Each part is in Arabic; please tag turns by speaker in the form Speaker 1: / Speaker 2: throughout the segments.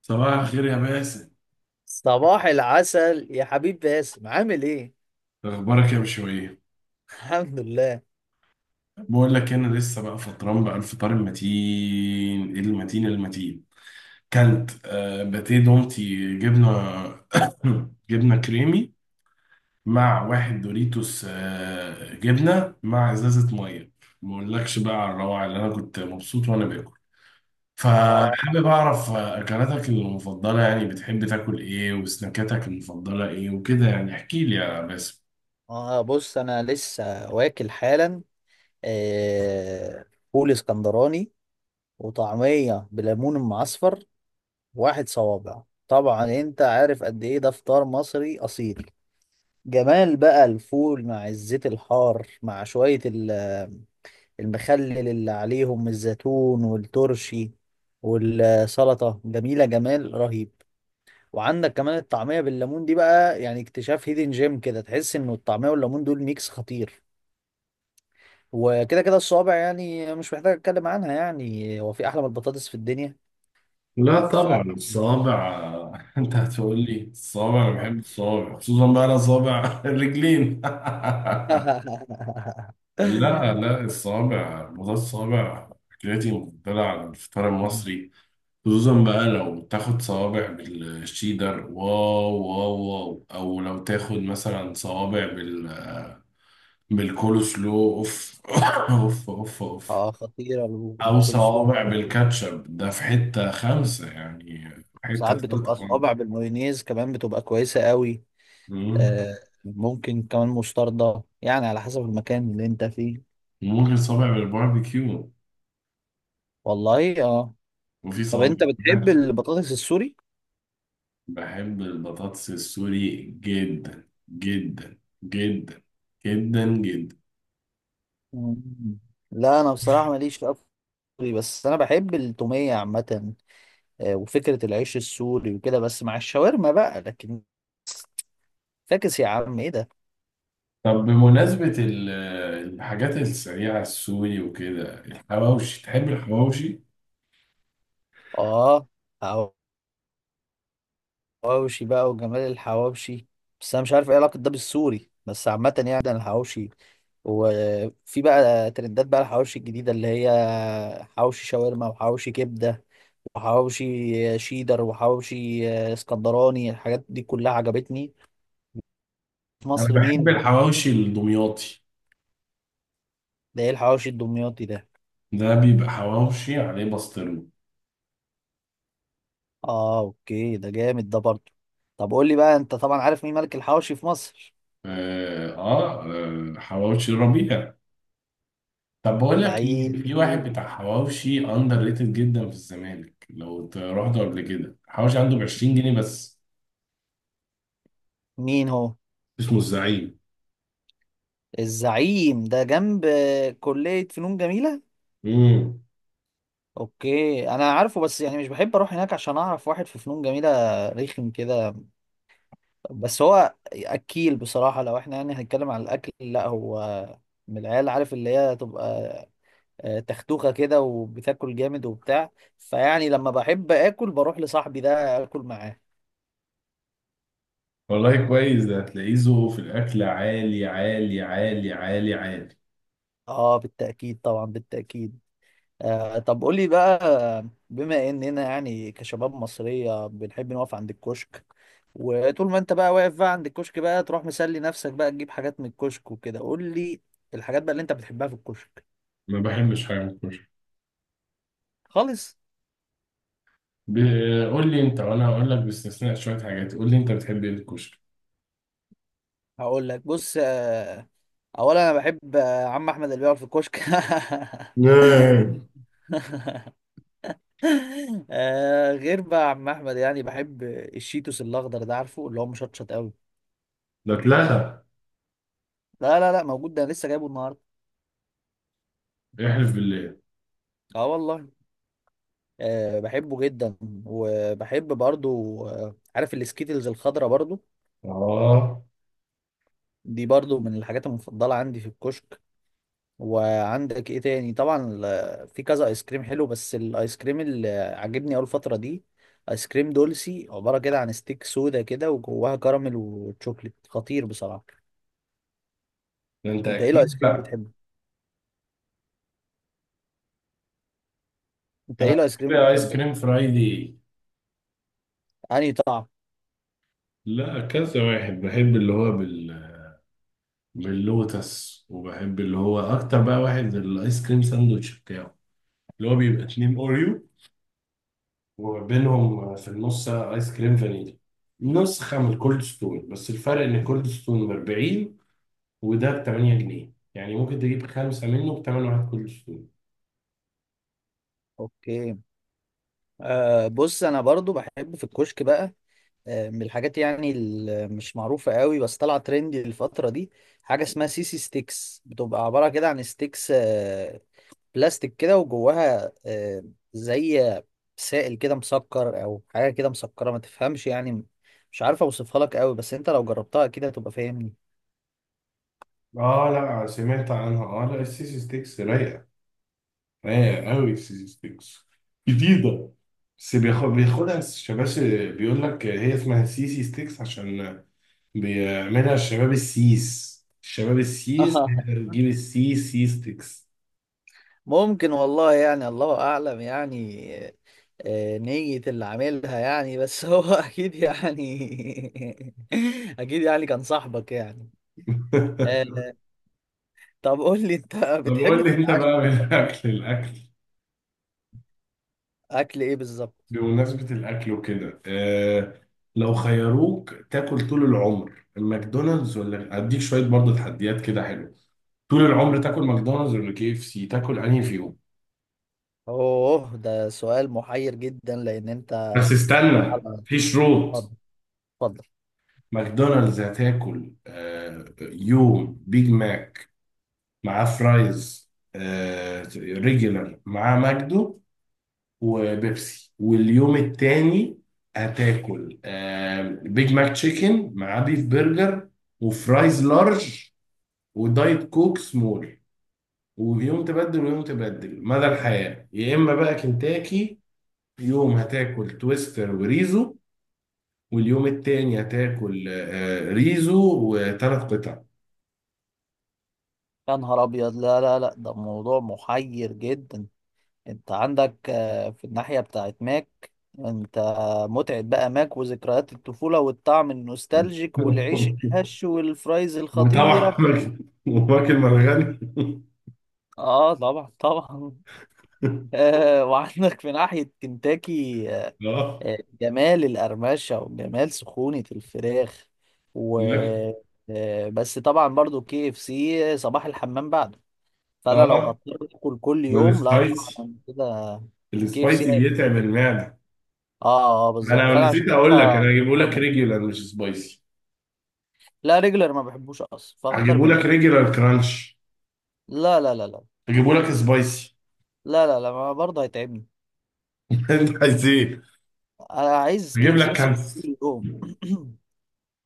Speaker 1: صباح الخير يا باسم.
Speaker 2: صباح العسل يا حبيب باسم، عامل ايه؟
Speaker 1: اخبارك يا بشوية؟
Speaker 2: الحمد لله.
Speaker 1: بقول لك انا لسه بقى فطران بقى الفطار المتين المتين المتين. كانت باتيه دومتي جبنه. جبنه كريمي مع واحد دوريتوس جبنه مع ازازه ميه. ما اقولكش بقى على الروعه اللي انا كنت مبسوط وانا باكل.
Speaker 2: اه
Speaker 1: فحابب اعرف اكلاتك المفضله، يعني بتحب تاكل ايه، وسناكاتك المفضله ايه وكده، يعني احكي لي يا باسم.
Speaker 2: اه بص انا لسه واكل حالا. آه فول اسكندراني، وطعمية بليمون معصفر، واحد صوابع. طبعا انت عارف قد ايه ده، فطار مصري اصيل. جمال بقى الفول مع الزيت الحار مع شوية المخلل اللي عليهم الزيتون والترشي والسلطة، جميلة جمال رهيب. وعندك كمان الطعمية بالليمون دي بقى، يعني اكتشاف هيدن جيم كده، تحس انه الطعمية والليمون دول ميكس خطير. وكده كده الصوابع يعني مش محتاج اتكلم عنها، يعني هو في احلى من البطاطس في الدنيا؟
Speaker 1: لا طبعا
Speaker 2: ف
Speaker 1: الصوابع. انت هتقول لي الصوابع؟ انا
Speaker 2: اه.
Speaker 1: بحب الصوابع، خصوصا بقى انا صوابع الرجلين. لا لا، الصوابع، موضوع الصوابع أكلتي المفضلة على الفطار المصري. خصوصا بقى لو تاخد صوابع بالشيدر، واو واو واو، أو لو تاخد مثلا صوابع بالكول سلو، أوف أوف أوف أوف.
Speaker 2: اه، خطيرة،
Speaker 1: أو
Speaker 2: بالكول سلو
Speaker 1: صوابع
Speaker 2: خطيرة.
Speaker 1: بالكاتشب، ده في حتة خمسة يعني.
Speaker 2: ساعات
Speaker 1: حتة تالتة
Speaker 2: بتبقى صوابع
Speaker 1: خالص.
Speaker 2: بالمايونيز كمان، بتبقى كويسة قوي.
Speaker 1: مم.
Speaker 2: آه، ممكن كمان مستردة، يعني على حسب المكان اللي انت فيه.
Speaker 1: ممكن صابع بالباربيكيو.
Speaker 2: والله اه.
Speaker 1: وفي
Speaker 2: طب
Speaker 1: صوابع
Speaker 2: انت بتحب
Speaker 1: بالمحشي.
Speaker 2: البطاطس السوري؟
Speaker 1: بحب البطاطس السوري جدا جدا جدا جدا جدا.
Speaker 2: مم. لا انا بصراحه ماليش في أكل سوري، بس انا بحب التوميه عامه. آه، وفكره العيش السوري وكده، بس مع الشاورما بقى. لكن فاكس يا عم، ايه ده؟
Speaker 1: طب بمناسبة الحاجات السريعة السوري وكده، الحواوشي، تحب الحواوشي؟
Speaker 2: اه، حواوشي بقى، وجمال الحواوشي. بس انا مش عارف ايه علاقه ده بالسوري، بس عامه يعني ده الحواوشي. وفي بقى ترندات بقى الحواوشي الجديده اللي هي حواوشي شاورما، وحواوشي كبده، وحواوشي شيدر، وحواوشي آه، اسكندراني. الحاجات دي كلها عجبتني في
Speaker 1: أنا
Speaker 2: مصر.
Speaker 1: بحب
Speaker 2: مين
Speaker 1: الحواوشي الدمياطي.
Speaker 2: ده؟ ايه الحواوشي الدمياطي ده؟
Speaker 1: ده بيبقى حواوشي عليه بسطرمة.
Speaker 2: اه اوكي، ده جامد ده برضه. طب قول لي بقى، انت طبعا عارف مين ملك الحواوشي في مصر؟
Speaker 1: آه, آه حواوشي ربيع. طب بقول لك ايه،
Speaker 2: لعيب.
Speaker 1: في واحد بتاع حواوشي اندر ريتد جدا في الزمالك، لو رحته قبل كده، حواوشي عنده ب 20 جنيه بس.
Speaker 2: مين هو؟
Speaker 1: اسمه الزعيم.
Speaker 2: الزعيم ده جنب آه، كلية فنون جميلة؟
Speaker 1: امم
Speaker 2: اوكي انا عارفه، بس يعني مش بحب اروح هناك عشان اعرف واحد في فنون جميلة، رخم كده. بس هو اكيل بصراحة، لو احنا يعني هنتكلم عن الاكل. لا هو من العيال عارف، اللي هي تبقى آه، تختوخة كده وبتاكل جامد وبتاع. فيعني لما بحب اكل بروح لصاحبي ده اكل معاه.
Speaker 1: والله كويس، ده هتلاقيه ذوقه في الاكل عالي عالي عالي عالي عالي.
Speaker 2: اه بالتأكيد طبعا، بالتأكيد. آه طب قولي بقى، بما اننا يعني كشباب مصرية بنحب نقف عند الكشك، وطول ما انت بقى واقف بقى عند الكشك بقى تروح مسلي نفسك بقى تجيب حاجات من الكشك وكده، قولي الحاجات بقى اللي انت بتحبها في الكشك.
Speaker 1: ما بحبش حاجه من الكشري.
Speaker 2: خالص.
Speaker 1: قول لي انت وانا هقول لك باستثناء شويه حاجات. قول لي انت بتحب ايه في الكشري.
Speaker 2: هقول لك، بص آه اولا انا بحب آه، عم احمد اللي بيقعد في الكشك.
Speaker 1: نعم.
Speaker 2: آه، غير بقى يا عم احمد، يعني بحب الشيتوس الاخضر ده، عارفه اللي هو مشطشط قوي.
Speaker 1: ده اتلغى.
Speaker 2: لا موجود ده، أنا لسه جايبه النهارده.
Speaker 1: احلف بالله.
Speaker 2: اه والله. آه بحبه جدا. وبحب برضو آه عارف السكيتلز الخضرا برضو،
Speaker 1: اه.
Speaker 2: دي برضو من الحاجات المفضله عندي في الكشك. وعندك ايه تاني طبعا في كذا ايس كريم حلو، بس الايس كريم اللي عاجبني اول فتره دي ايس كريم دولسي، عباره كده عن ستيك سودا كده، وجواها كراميل وتشوكليت خطير بصراحه.
Speaker 1: ده انت
Speaker 2: انت ايه الايس
Speaker 1: اكيد
Speaker 2: كريم
Speaker 1: بقى.
Speaker 2: بتحبه؟ انت
Speaker 1: انا
Speaker 2: ايه الايس
Speaker 1: بحب
Speaker 2: كريم
Speaker 1: ايس
Speaker 2: بتحبه
Speaker 1: كريم فرايدي.
Speaker 2: انهي طعم؟
Speaker 1: لا، كذا واحد بحب اللي هو باللوتس، وبحب اللي هو اكتر بقى واحد الايس كريم ساندوتش بتاعه، اللي هو بيبقى 2 اوريو وبينهم في النص ايس كريم فانيليا. نسخة من الكولد ستون، بس الفرق ان الكولد ستون ب 40، وده ب 8 جنيه، يعني ممكن تجيب خمسة منه ب 8 واحد كولد ستون.
Speaker 2: اوكي. آه بص انا برضو بحب في الكشك بقى آه، من الحاجات يعني اللي مش معروفه قوي، بس طالعه ترندي الفتره دي، حاجه اسمها سيسي ستيكس. بتبقى عباره كده عن ستيكس آه، بلاستيك كده، وجواها آه زي سائل كده مسكر، او حاجه كده مسكره، ما تفهمش يعني. مش عارف اوصفها لك قوي، بس انت لو جربتها اكيد هتبقى فاهمني.
Speaker 1: اه لا، سمعت عنها. اه لا، السيسي ستيكس رايقة، رايق قوي سيستكس. جديدة. بس بياخدها الشباب. بيقول لك هي اسمها سي سي ستيكس عشان بيعملها الشباب السيس. الشباب السيس هي اللي بتجيب السي سي ستيكس.
Speaker 2: ممكن والله يعني، الله اعلم يعني آه، نية اللي عاملها يعني. بس هو اكيد يعني، اكيد يعني كان صاحبك يعني. آه، طب قول لي انت
Speaker 1: طب
Speaker 2: بتحب
Speaker 1: قول لي انت
Speaker 2: تتعلم
Speaker 1: بقى، من الاكل
Speaker 2: اكل ايه بالظبط؟
Speaker 1: بمناسبة الاكل وكده، لو خيروك تاكل طول العمر الماكدونالدز، ولا اديك شوية برضه تحديات كده حلو؟ طول العمر تاكل ماكدونالدز ولا كي اف سي؟ تاكل انهي فيهم؟
Speaker 2: اوه، ده سؤال محير جدا، لان انت
Speaker 1: بس استنى،
Speaker 2: على-.
Speaker 1: في شروط.
Speaker 2: اتفضل، اتفضل.
Speaker 1: ماكدونالدز هتاكل يوم بيج ماك مع فرايز ريجولار مع ماجدو وبيبسي. واليوم التاني هتاكل بيج ماك تشيكن مع بيف برجر وفرايز لارج ودايت كوك سمول. ويوم تبدل ويوم تبدل مدى الحياة. يا إما بقى كنتاكي، يوم هتاكل تويستر وريزو، واليوم التاني هتاكل ريزو و3 قطع.
Speaker 2: يا نهار ابيض، لا ده موضوع محير جدا. انت عندك آه، في الناحية بتاعت ماك، انت متعة بقى ماك، وذكريات الطفولة، والطعم النوستالجيك، والعيش الهش، والفرايز
Speaker 1: وطبعا
Speaker 2: الخطيرة.
Speaker 1: وماكل مرغني.
Speaker 2: اه طبعا طبعا. آه وعندك في ناحية كنتاكي، آه
Speaker 1: اه
Speaker 2: جمال القرمشة وجمال سخونة الفراخ، و
Speaker 1: ماكل
Speaker 2: آه بس طبعا برضو كي اف سي صباح الحمام بعده. فانا لو
Speaker 1: اه
Speaker 2: هضطر اكل كل يوم، لا طبعا،
Speaker 1: والسبايسي،
Speaker 2: أنا كده كي اف سي
Speaker 1: السبايسي بيتعب
Speaker 2: هيقتلني.
Speaker 1: المعده.
Speaker 2: اه اه بالظبط،
Speaker 1: انا
Speaker 2: فانا عشان
Speaker 1: نسيت اقول
Speaker 2: كده
Speaker 1: لك، انا هجيبه
Speaker 2: هختار
Speaker 1: لك
Speaker 2: ماك.
Speaker 1: ريجولار مش سبايسي.
Speaker 2: لا ريجلر ما بحبوش اصلا، فاختار
Speaker 1: هجيبه
Speaker 2: ماك.
Speaker 1: لك ريجولار كرانش.
Speaker 2: لا.
Speaker 1: هجيبه لك سبايسي.
Speaker 2: لا، ما برضه هيتعبني.
Speaker 1: انت عايز ايه؟
Speaker 2: انا عايز كي
Speaker 1: هجيب
Speaker 2: اف سي
Speaker 1: لك
Speaker 2: بس
Speaker 1: كانس.
Speaker 2: كل يوم.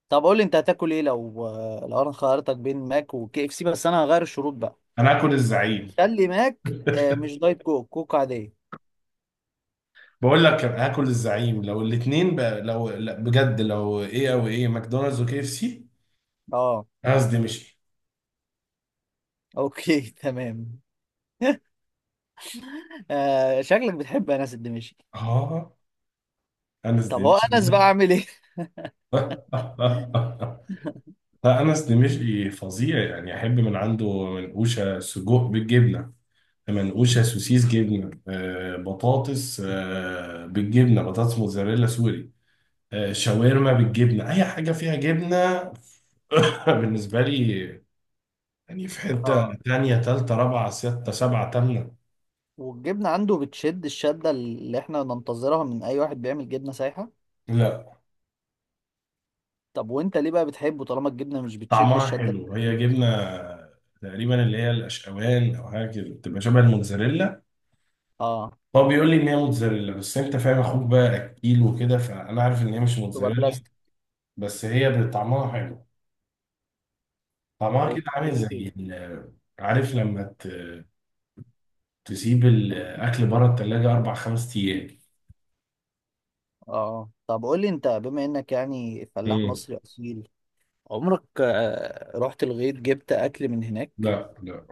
Speaker 2: طب قول لي انت هتاكل ايه لو، لو انا خيرتك بين ماك وكي اف سي، بس انا هغير الشروط بقى.
Speaker 1: انا هاكل الزعيم.
Speaker 2: خلي ماك آه، مش دايت كوك، كوك عاديه.
Speaker 1: بقول لك هاكل الزعيم لو الاثنين بقى، لو لا بجد، لو ايه او ايه ماكدونالدز وكي اف سي.
Speaker 2: اه
Speaker 1: قصدي مش.
Speaker 2: اوكي تمام. آه، شكلك بتحب انس الدمشقي.
Speaker 1: اه، انا
Speaker 2: طب
Speaker 1: قصدي
Speaker 2: هو
Speaker 1: مش.
Speaker 2: انس بقى عامل ايه؟
Speaker 1: لا، أنس دمشقي فظيع يعني. أحب من عنده منقوشة سجق بالجبنة، منقوشة سوسيس جبنة، بطاطس بالجبنة، بطاطس موزاريلا سوري، شاورما بالجبنة. أي حاجة فيها جبنة بالنسبة لي، يعني في حتة
Speaker 2: اه،
Speaker 1: تانية تالتة رابعة ستة سبعة تامنة.
Speaker 2: والجبنه عنده بتشد الشده اللي احنا ننتظرها من اي واحد بيعمل جبنه سايحه.
Speaker 1: لا،
Speaker 2: طب وانت ليه بقى بتحبه طالما الجبنه مش بتشد
Speaker 1: طعمها
Speaker 2: الشده؟
Speaker 1: حلو. هي جبنة تقريبا اللي هي الأشقوان أو حاجة كده، بتبقى شبه الموتزاريلا.
Speaker 2: اه
Speaker 1: هو بيقول لي ان هي موتزاريلا، بس انت فاهم اخوك بقى اكيل وكده، فانا عارف ان هي مش
Speaker 2: تبقى
Speaker 1: موتزاريلا.
Speaker 2: بلاستيك.
Speaker 1: بس هي طعمها حلو. طعمها كده عامل
Speaker 2: اوكي.
Speaker 1: زي ال- عارف لما تسيب الاكل بره التلاجة 4 5 ايام.
Speaker 2: اه طب قول لي انت، بما انك يعني فلاح
Speaker 1: مم.
Speaker 2: مصري اصيل، عمرك آه، رحت الغيط جبت اكل من هناك؟
Speaker 1: لا لا.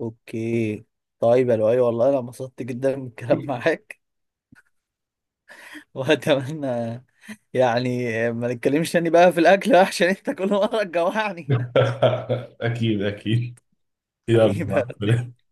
Speaker 2: اوكي. طيب يا لؤي، والله انا انبسطت جدا من الكلام معاك، واتمنى يعني ما نتكلمش تاني بقى في الاكل عشان انت كل مره تجوعني.
Speaker 1: اكيد اكيد. يلا مع
Speaker 2: حبيبي.
Speaker 1: السلامة.